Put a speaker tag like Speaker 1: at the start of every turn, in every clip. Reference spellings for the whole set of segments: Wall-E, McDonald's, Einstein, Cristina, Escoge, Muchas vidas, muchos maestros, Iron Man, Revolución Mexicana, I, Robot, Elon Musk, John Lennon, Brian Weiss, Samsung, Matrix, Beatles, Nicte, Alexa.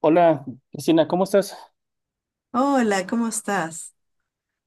Speaker 1: Hola, Cristina, ¿cómo estás?
Speaker 2: Hola, ¿cómo estás?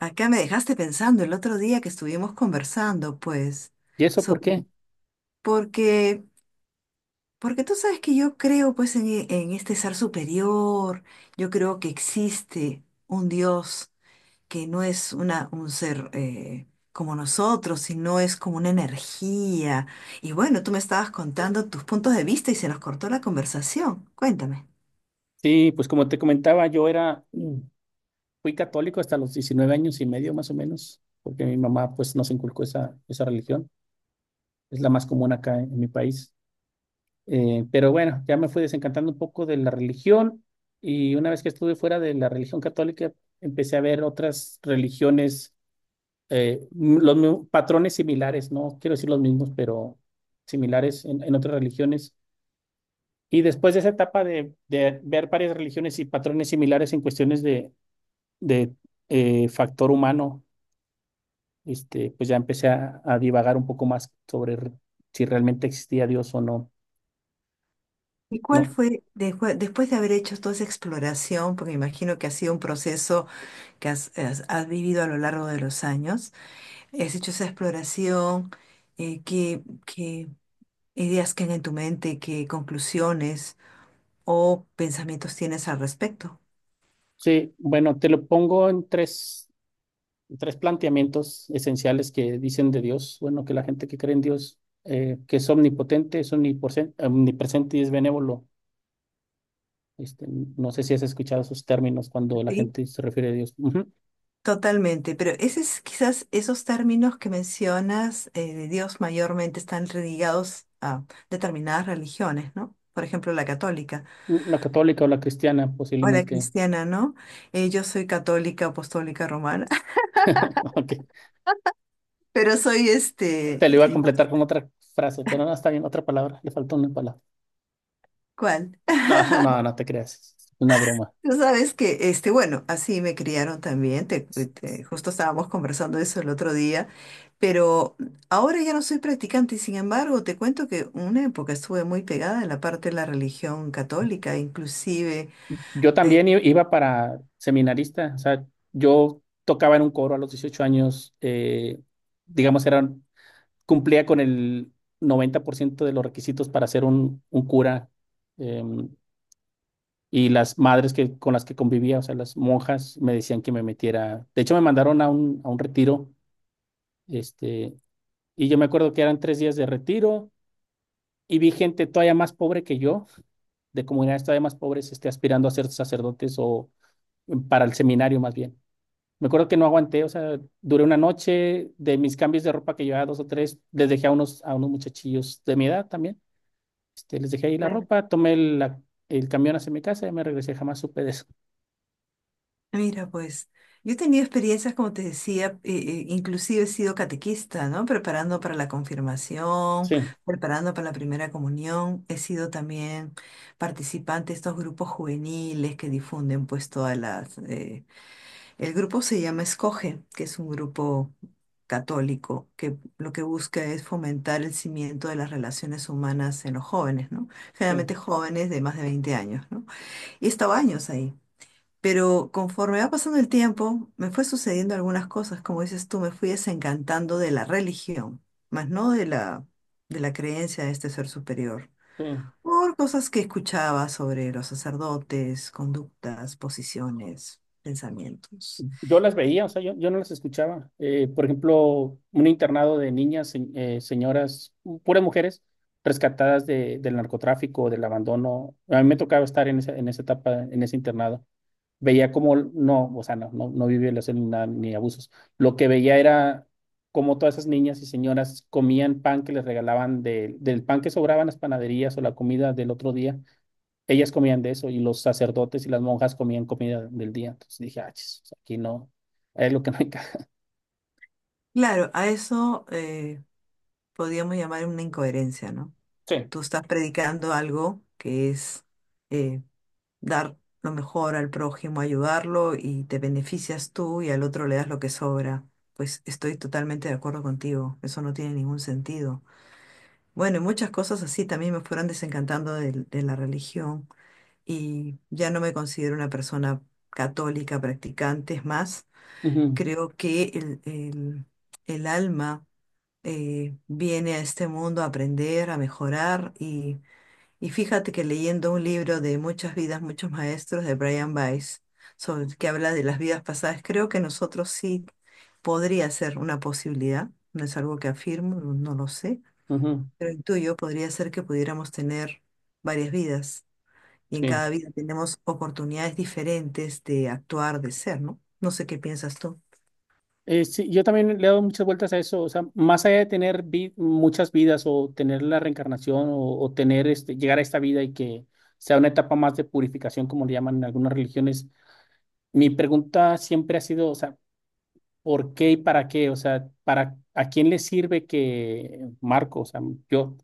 Speaker 2: Acá me dejaste pensando el otro día que estuvimos conversando, pues,
Speaker 1: ¿Y eso por qué?
Speaker 2: sobre, porque, porque tú sabes que yo creo, pues, en, en este ser superior, yo creo que existe un Dios que no es una, un ser como nosotros, sino es como una energía. Y bueno, tú me estabas contando tus puntos de vista y se nos cortó la conversación. Cuéntame.
Speaker 1: Sí, pues como te comentaba, yo era, fui católico hasta los 19 años y medio más o menos, porque mi mamá pues nos inculcó esa religión, es la más común acá en mi país. Pero bueno, ya me fui desencantando un poco de la religión y una vez que estuve fuera de la religión católica, empecé a ver otras religiones, patrones similares, no quiero decir los mismos, pero similares en otras religiones. Y después de esa etapa de ver varias religiones y patrones similares en cuestiones de factor humano, este, pues ya empecé a divagar un poco más sobre si realmente existía Dios o no.
Speaker 2: ¿Y cuál
Speaker 1: No.
Speaker 2: fue, después de haber hecho toda esa exploración, porque imagino que ha sido un proceso que has, has vivido a lo largo de los años. Has hecho esa exploración, qué, qué ideas quedan en tu mente, qué conclusiones o pensamientos tienes al respecto.
Speaker 1: Sí, bueno, te lo pongo en tres planteamientos esenciales que dicen de Dios. Bueno, que la gente que cree en Dios, que es omnipotente, es omnipresente y es benévolo. Este, no sé si has escuchado esos términos cuando la
Speaker 2: Sí,
Speaker 1: gente se refiere a Dios. Ujú.
Speaker 2: totalmente. Pero ese es, quizás esos términos que mencionas de Dios mayormente están ligados a determinadas religiones, ¿no? Por ejemplo, la católica
Speaker 1: La católica o la cristiana,
Speaker 2: o la
Speaker 1: posiblemente.
Speaker 2: cristiana, ¿no? Yo soy católica apostólica romana,
Speaker 1: Ok.
Speaker 2: pero soy este,
Speaker 1: Te lo iba a completar con otra frase, pero no está bien, otra palabra. Le faltó una palabra.
Speaker 2: ¿cuál?
Speaker 1: No, no, no te creas. Es una broma.
Speaker 2: Tú sabes que, este, bueno, así me criaron también, te, justo estábamos conversando eso el otro día, pero ahora ya no soy practicante y sin embargo te cuento que una época estuve muy pegada en la parte de la religión católica, inclusive,
Speaker 1: Yo también iba para seminarista. O sea, yo tocaba en un coro a los 18 años. Digamos, era, cumplía con el 90% de los requisitos para ser un cura. em, y las madres que, con las que convivía, o sea, las monjas, me decían que me metiera. De hecho, me mandaron a a un retiro este. Y yo me acuerdo que eran tres días de retiro y vi gente todavía más pobre que yo, de comunidades todavía más pobres, este, aspirando a ser sacerdotes o para el seminario más bien. Me acuerdo que no aguanté, o sea, duré una noche. De mis cambios de ropa que llevaba dos o tres, les dejé a a unos muchachillos de mi edad también, este, les dejé ahí la
Speaker 2: claro,
Speaker 1: ropa, tomé el camión hacia mi casa y me regresé, jamás supe de eso.
Speaker 2: mira, pues yo he tenido experiencias, como te decía, inclusive he sido catequista, ¿no? Preparando para la confirmación,
Speaker 1: Sí,
Speaker 2: preparando para la primera comunión, he sido también participante de estos grupos juveniles que difunden pues todas las... el grupo se llama Escoge, que es un grupo católico que lo que busca es fomentar el cimiento de las relaciones humanas en los jóvenes, ¿no?
Speaker 1: sí,
Speaker 2: Generalmente jóvenes de más de 20 años, ¿no? Y he estado años ahí. Pero conforme va pasando el tiempo, me fue sucediendo algunas cosas, como dices tú, me fui desencantando de la religión, más no de la, de la creencia de este ser superior,
Speaker 1: sí.
Speaker 2: por cosas que escuchaba sobre los sacerdotes, conductas, posiciones, pensamientos.
Speaker 1: Yo las veía, o sea, yo no las escuchaba. Por ejemplo, un internado de niñas, señoras, puras mujeres rescatadas del narcotráfico, del abandono. A mí me tocaba estar en en esa etapa, en ese internado. Veía cómo, no, o sea, no vi violación ni nada, ni abusos. Lo que veía era cómo todas esas niñas y señoras comían pan que les regalaban del pan que sobraba en las panaderías o la comida del otro día, ellas comían de eso y los sacerdotes y las monjas comían comida del día. Entonces dije, ah, chis, o sea, aquí no, es lo que no encaja.
Speaker 2: Claro, a eso podríamos llamar una incoherencia, ¿no?
Speaker 1: Sí.
Speaker 2: Tú estás predicando algo que es eh, dar lo mejor al prójimo, ayudarlo y te beneficias tú y al otro le das lo que sobra. Pues estoy totalmente de acuerdo contigo, eso no tiene ningún sentido. Bueno, y muchas cosas así también me fueron desencantando de, la religión y ya no me considero una persona católica practicante, es más,
Speaker 1: Ujú,
Speaker 2: creo que el, el alma viene a este mundo a aprender, a mejorar y fíjate que leyendo un libro de Muchas vidas, muchos maestros de Brian Weiss, que habla de las vidas pasadas, creo que nosotros sí podría ser una posibilidad, no es algo que afirmo, no, no lo sé,
Speaker 1: ujú,
Speaker 2: pero el tuyo podría ser que pudiéramos tener varias vidas y en
Speaker 1: sí.
Speaker 2: cada vida tenemos oportunidades diferentes de actuar, de ser, ¿no? No sé qué piensas tú.
Speaker 1: Sí, yo también le he dado muchas vueltas a eso, o sea, más allá de tener muchas vidas o tener la reencarnación o tener este, llegar a esta vida y que sea una etapa más de purificación, como le llaman en algunas religiones, mi pregunta siempre ha sido, o sea, ¿por qué y para qué? O sea, ¿para a quién le sirve que Marco, o sea, yo,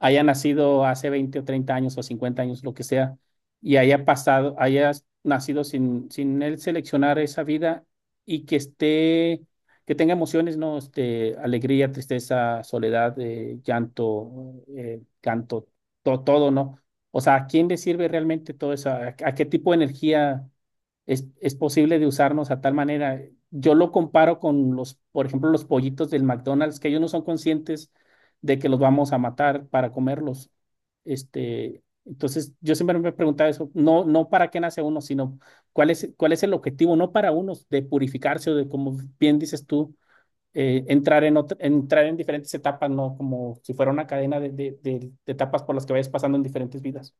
Speaker 1: haya nacido hace 20 o 30 años o 50 años, lo que sea, y haya pasado, haya nacido sin, sin él seleccionar esa vida y que esté, que tenga emociones, ¿no? Este, alegría, tristeza, soledad, llanto, canto, todo, ¿no? O sea, ¿a quién le sirve realmente todo eso? A qué tipo de energía es posible de usarnos a tal manera? Yo lo comparo con los, por ejemplo, los pollitos del McDonald's, que ellos no son conscientes de que los vamos a matar para comerlos. Este, entonces, yo siempre me he preguntado eso, no para qué nace uno, sino cuál es el objetivo, no para unos de purificarse o de, como bien dices tú, entrar, en entrar en diferentes etapas, ¿no? Como si fuera una cadena de etapas por las que vayas pasando en diferentes vidas.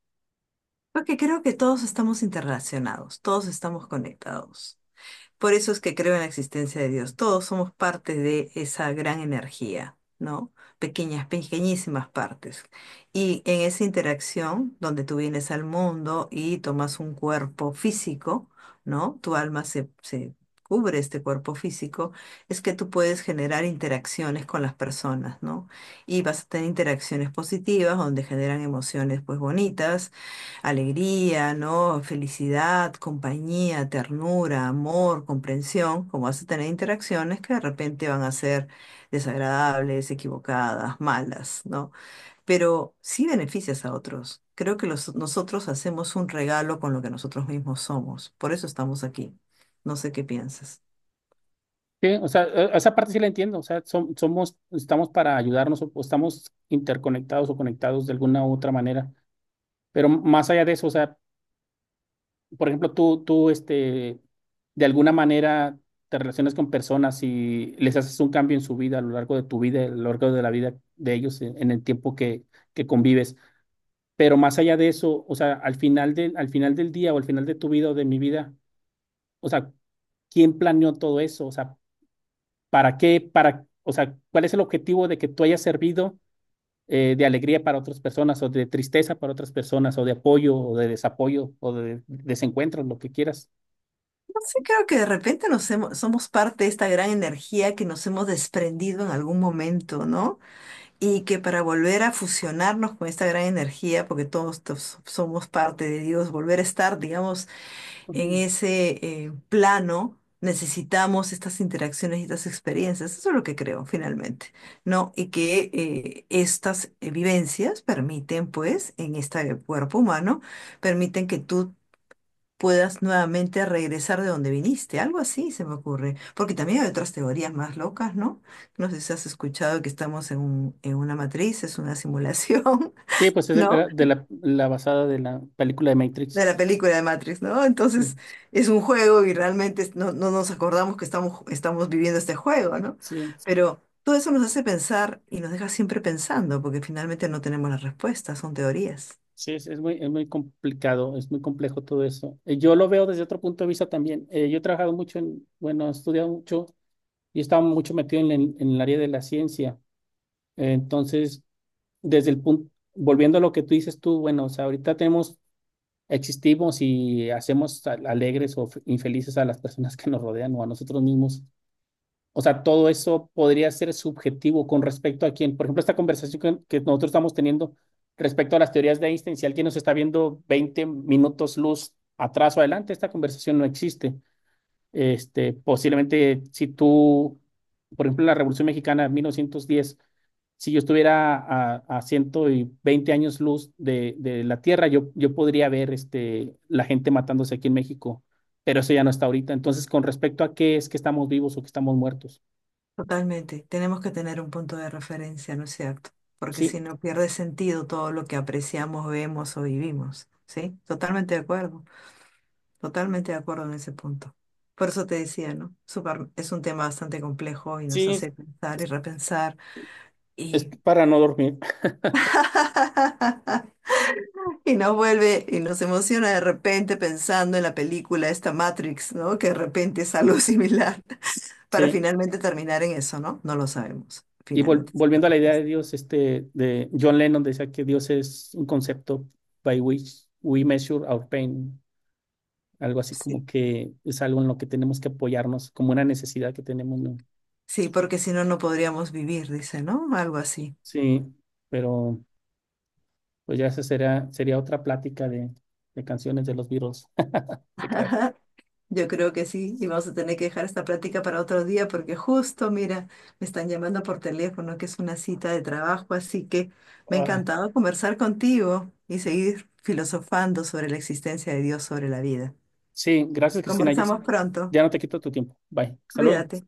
Speaker 2: Porque creo que todos estamos interrelacionados, todos estamos conectados. Por eso es que creo en la existencia de Dios. Todos somos parte de esa gran energía, ¿no? Pequeñas, pequeñísimas partes. Y en esa interacción donde tú vienes al mundo y tomas un cuerpo físico, ¿no? Tu alma se cubre este cuerpo físico, es que tú puedes generar interacciones con las personas, ¿no? Y vas a tener interacciones positivas donde generan emociones pues bonitas alegría, ¿no? Felicidad, compañía, ternura, amor, comprensión, como vas a tener interacciones que de repente van a ser desagradables, equivocadas, malas, ¿no? Pero sí beneficias a otros. Creo que nosotros hacemos un regalo con lo que nosotros mismos somos. Por eso estamos aquí. No sé qué piensas.
Speaker 1: Sí, o sea, esa parte sí la entiendo, o sea, somos, estamos para ayudarnos o estamos interconectados o conectados de alguna u otra manera, pero más allá de eso, o sea, por ejemplo, este, de alguna manera te relacionas con personas y les haces un cambio en su vida a lo largo de tu vida, a lo largo de la vida de ellos en el tiempo que convives. Pero más allá de eso, o sea, al final al final del día o al final de tu vida o de mi vida, o sea, ¿quién planeó todo eso? O sea, ¿para qué? Para, o sea, ¿cuál es el objetivo de que tú hayas servido de alegría para otras personas o de tristeza para otras personas o de apoyo o de desapoyo o de desencuentro, lo que quieras?
Speaker 2: No sé, creo que de repente somos parte de esta gran energía que nos hemos desprendido en algún momento, ¿no? Y que para volver a fusionarnos con esta gran energía, porque todos, somos parte de Dios, volver a estar, digamos, en
Speaker 1: Ujú.
Speaker 2: ese plano, necesitamos estas interacciones y estas experiencias. Eso es lo que creo, finalmente, ¿no? Y que estas vivencias permiten, pues, en este cuerpo humano, permiten que tú puedas nuevamente regresar de donde viniste, algo así se me ocurre, porque también hay otras teorías más locas, ¿no? No sé si has escuchado que estamos en en una matriz, es una simulación,
Speaker 1: Sí, pues es de
Speaker 2: ¿no?
Speaker 1: de la, la basada de la película de Matrix.
Speaker 2: De la película de Matrix, ¿no?
Speaker 1: Sí,
Speaker 2: Entonces es un juego y realmente no, no nos acordamos que estamos, estamos viviendo este juego, ¿no?
Speaker 1: sí,
Speaker 2: Pero todo eso nos hace pensar y nos deja siempre pensando, porque finalmente no tenemos las respuestas, son teorías.
Speaker 1: sí, es muy complicado, es muy complejo todo eso. Yo lo veo desde otro punto de vista también. Yo he trabajado mucho en, bueno, he estudiado mucho y estaba mucho metido en, en el área de la ciencia. Entonces, desde el punto, volviendo a lo que tú dices tú, bueno, o sea, ahorita tenemos, existimos y hacemos alegres o infelices a las personas que nos rodean o a nosotros mismos. O sea, todo eso podría ser subjetivo con respecto a quién. Por ejemplo, esta conversación que nosotros estamos teniendo respecto a las teorías de Einstein, si alguien nos está viendo 20 minutos luz atrás o adelante, esta conversación no existe. Este, posiblemente si tú, por ejemplo, en la Revolución Mexicana de 1910, si yo estuviera a 120 años luz de la Tierra, yo podría ver este, la gente matándose aquí en México, pero eso ya no está ahorita. Entonces, con respecto a qué es que estamos vivos o que estamos muertos,
Speaker 2: Totalmente, tenemos que tener un punto de referencia, ¿no es cierto? Porque si
Speaker 1: sí,
Speaker 2: no pierde sentido todo lo que apreciamos, vemos o vivimos, ¿sí? Totalmente de acuerdo en ese punto. Por eso te decía, ¿no? Súper- es un tema bastante complejo y nos
Speaker 1: sí,
Speaker 2: hace pensar y repensar
Speaker 1: es
Speaker 2: y...
Speaker 1: para no dormir,
Speaker 2: y nos vuelve y nos emociona de repente pensando en la película esta Matrix, ¿no? Que de repente es algo similar para
Speaker 1: sí.
Speaker 2: finalmente terminar en eso, ¿no? No lo sabemos.
Speaker 1: Y
Speaker 2: Finalmente es la
Speaker 1: volviendo a la idea de
Speaker 2: respuesta.
Speaker 1: Dios, este, de John Lennon decía que Dios es un concepto by which we measure our pain. Algo así como
Speaker 2: Sí.
Speaker 1: que es algo en lo que tenemos que apoyarnos, como una necesidad que tenemos, ¿no?
Speaker 2: Sí, porque si no, no podríamos vivir, dice, ¿no? Algo así.
Speaker 1: Sí, pero pues ya esa sería, sería otra plática de canciones de los Beatles, ¿te creas?
Speaker 2: Yo creo que sí, y vamos a tener que dejar esta plática para otro día porque justo, mira, me están llamando por teléfono, que es una cita de trabajo, así que me ha
Speaker 1: Ah,
Speaker 2: encantado conversar contigo y seguir filosofando sobre la existencia de Dios, sobre la vida.
Speaker 1: sí, gracias, Cristina. Ya
Speaker 2: Conversamos pronto.
Speaker 1: ya no te quito tu tiempo. Bye. Hasta luego.
Speaker 2: Cuídate.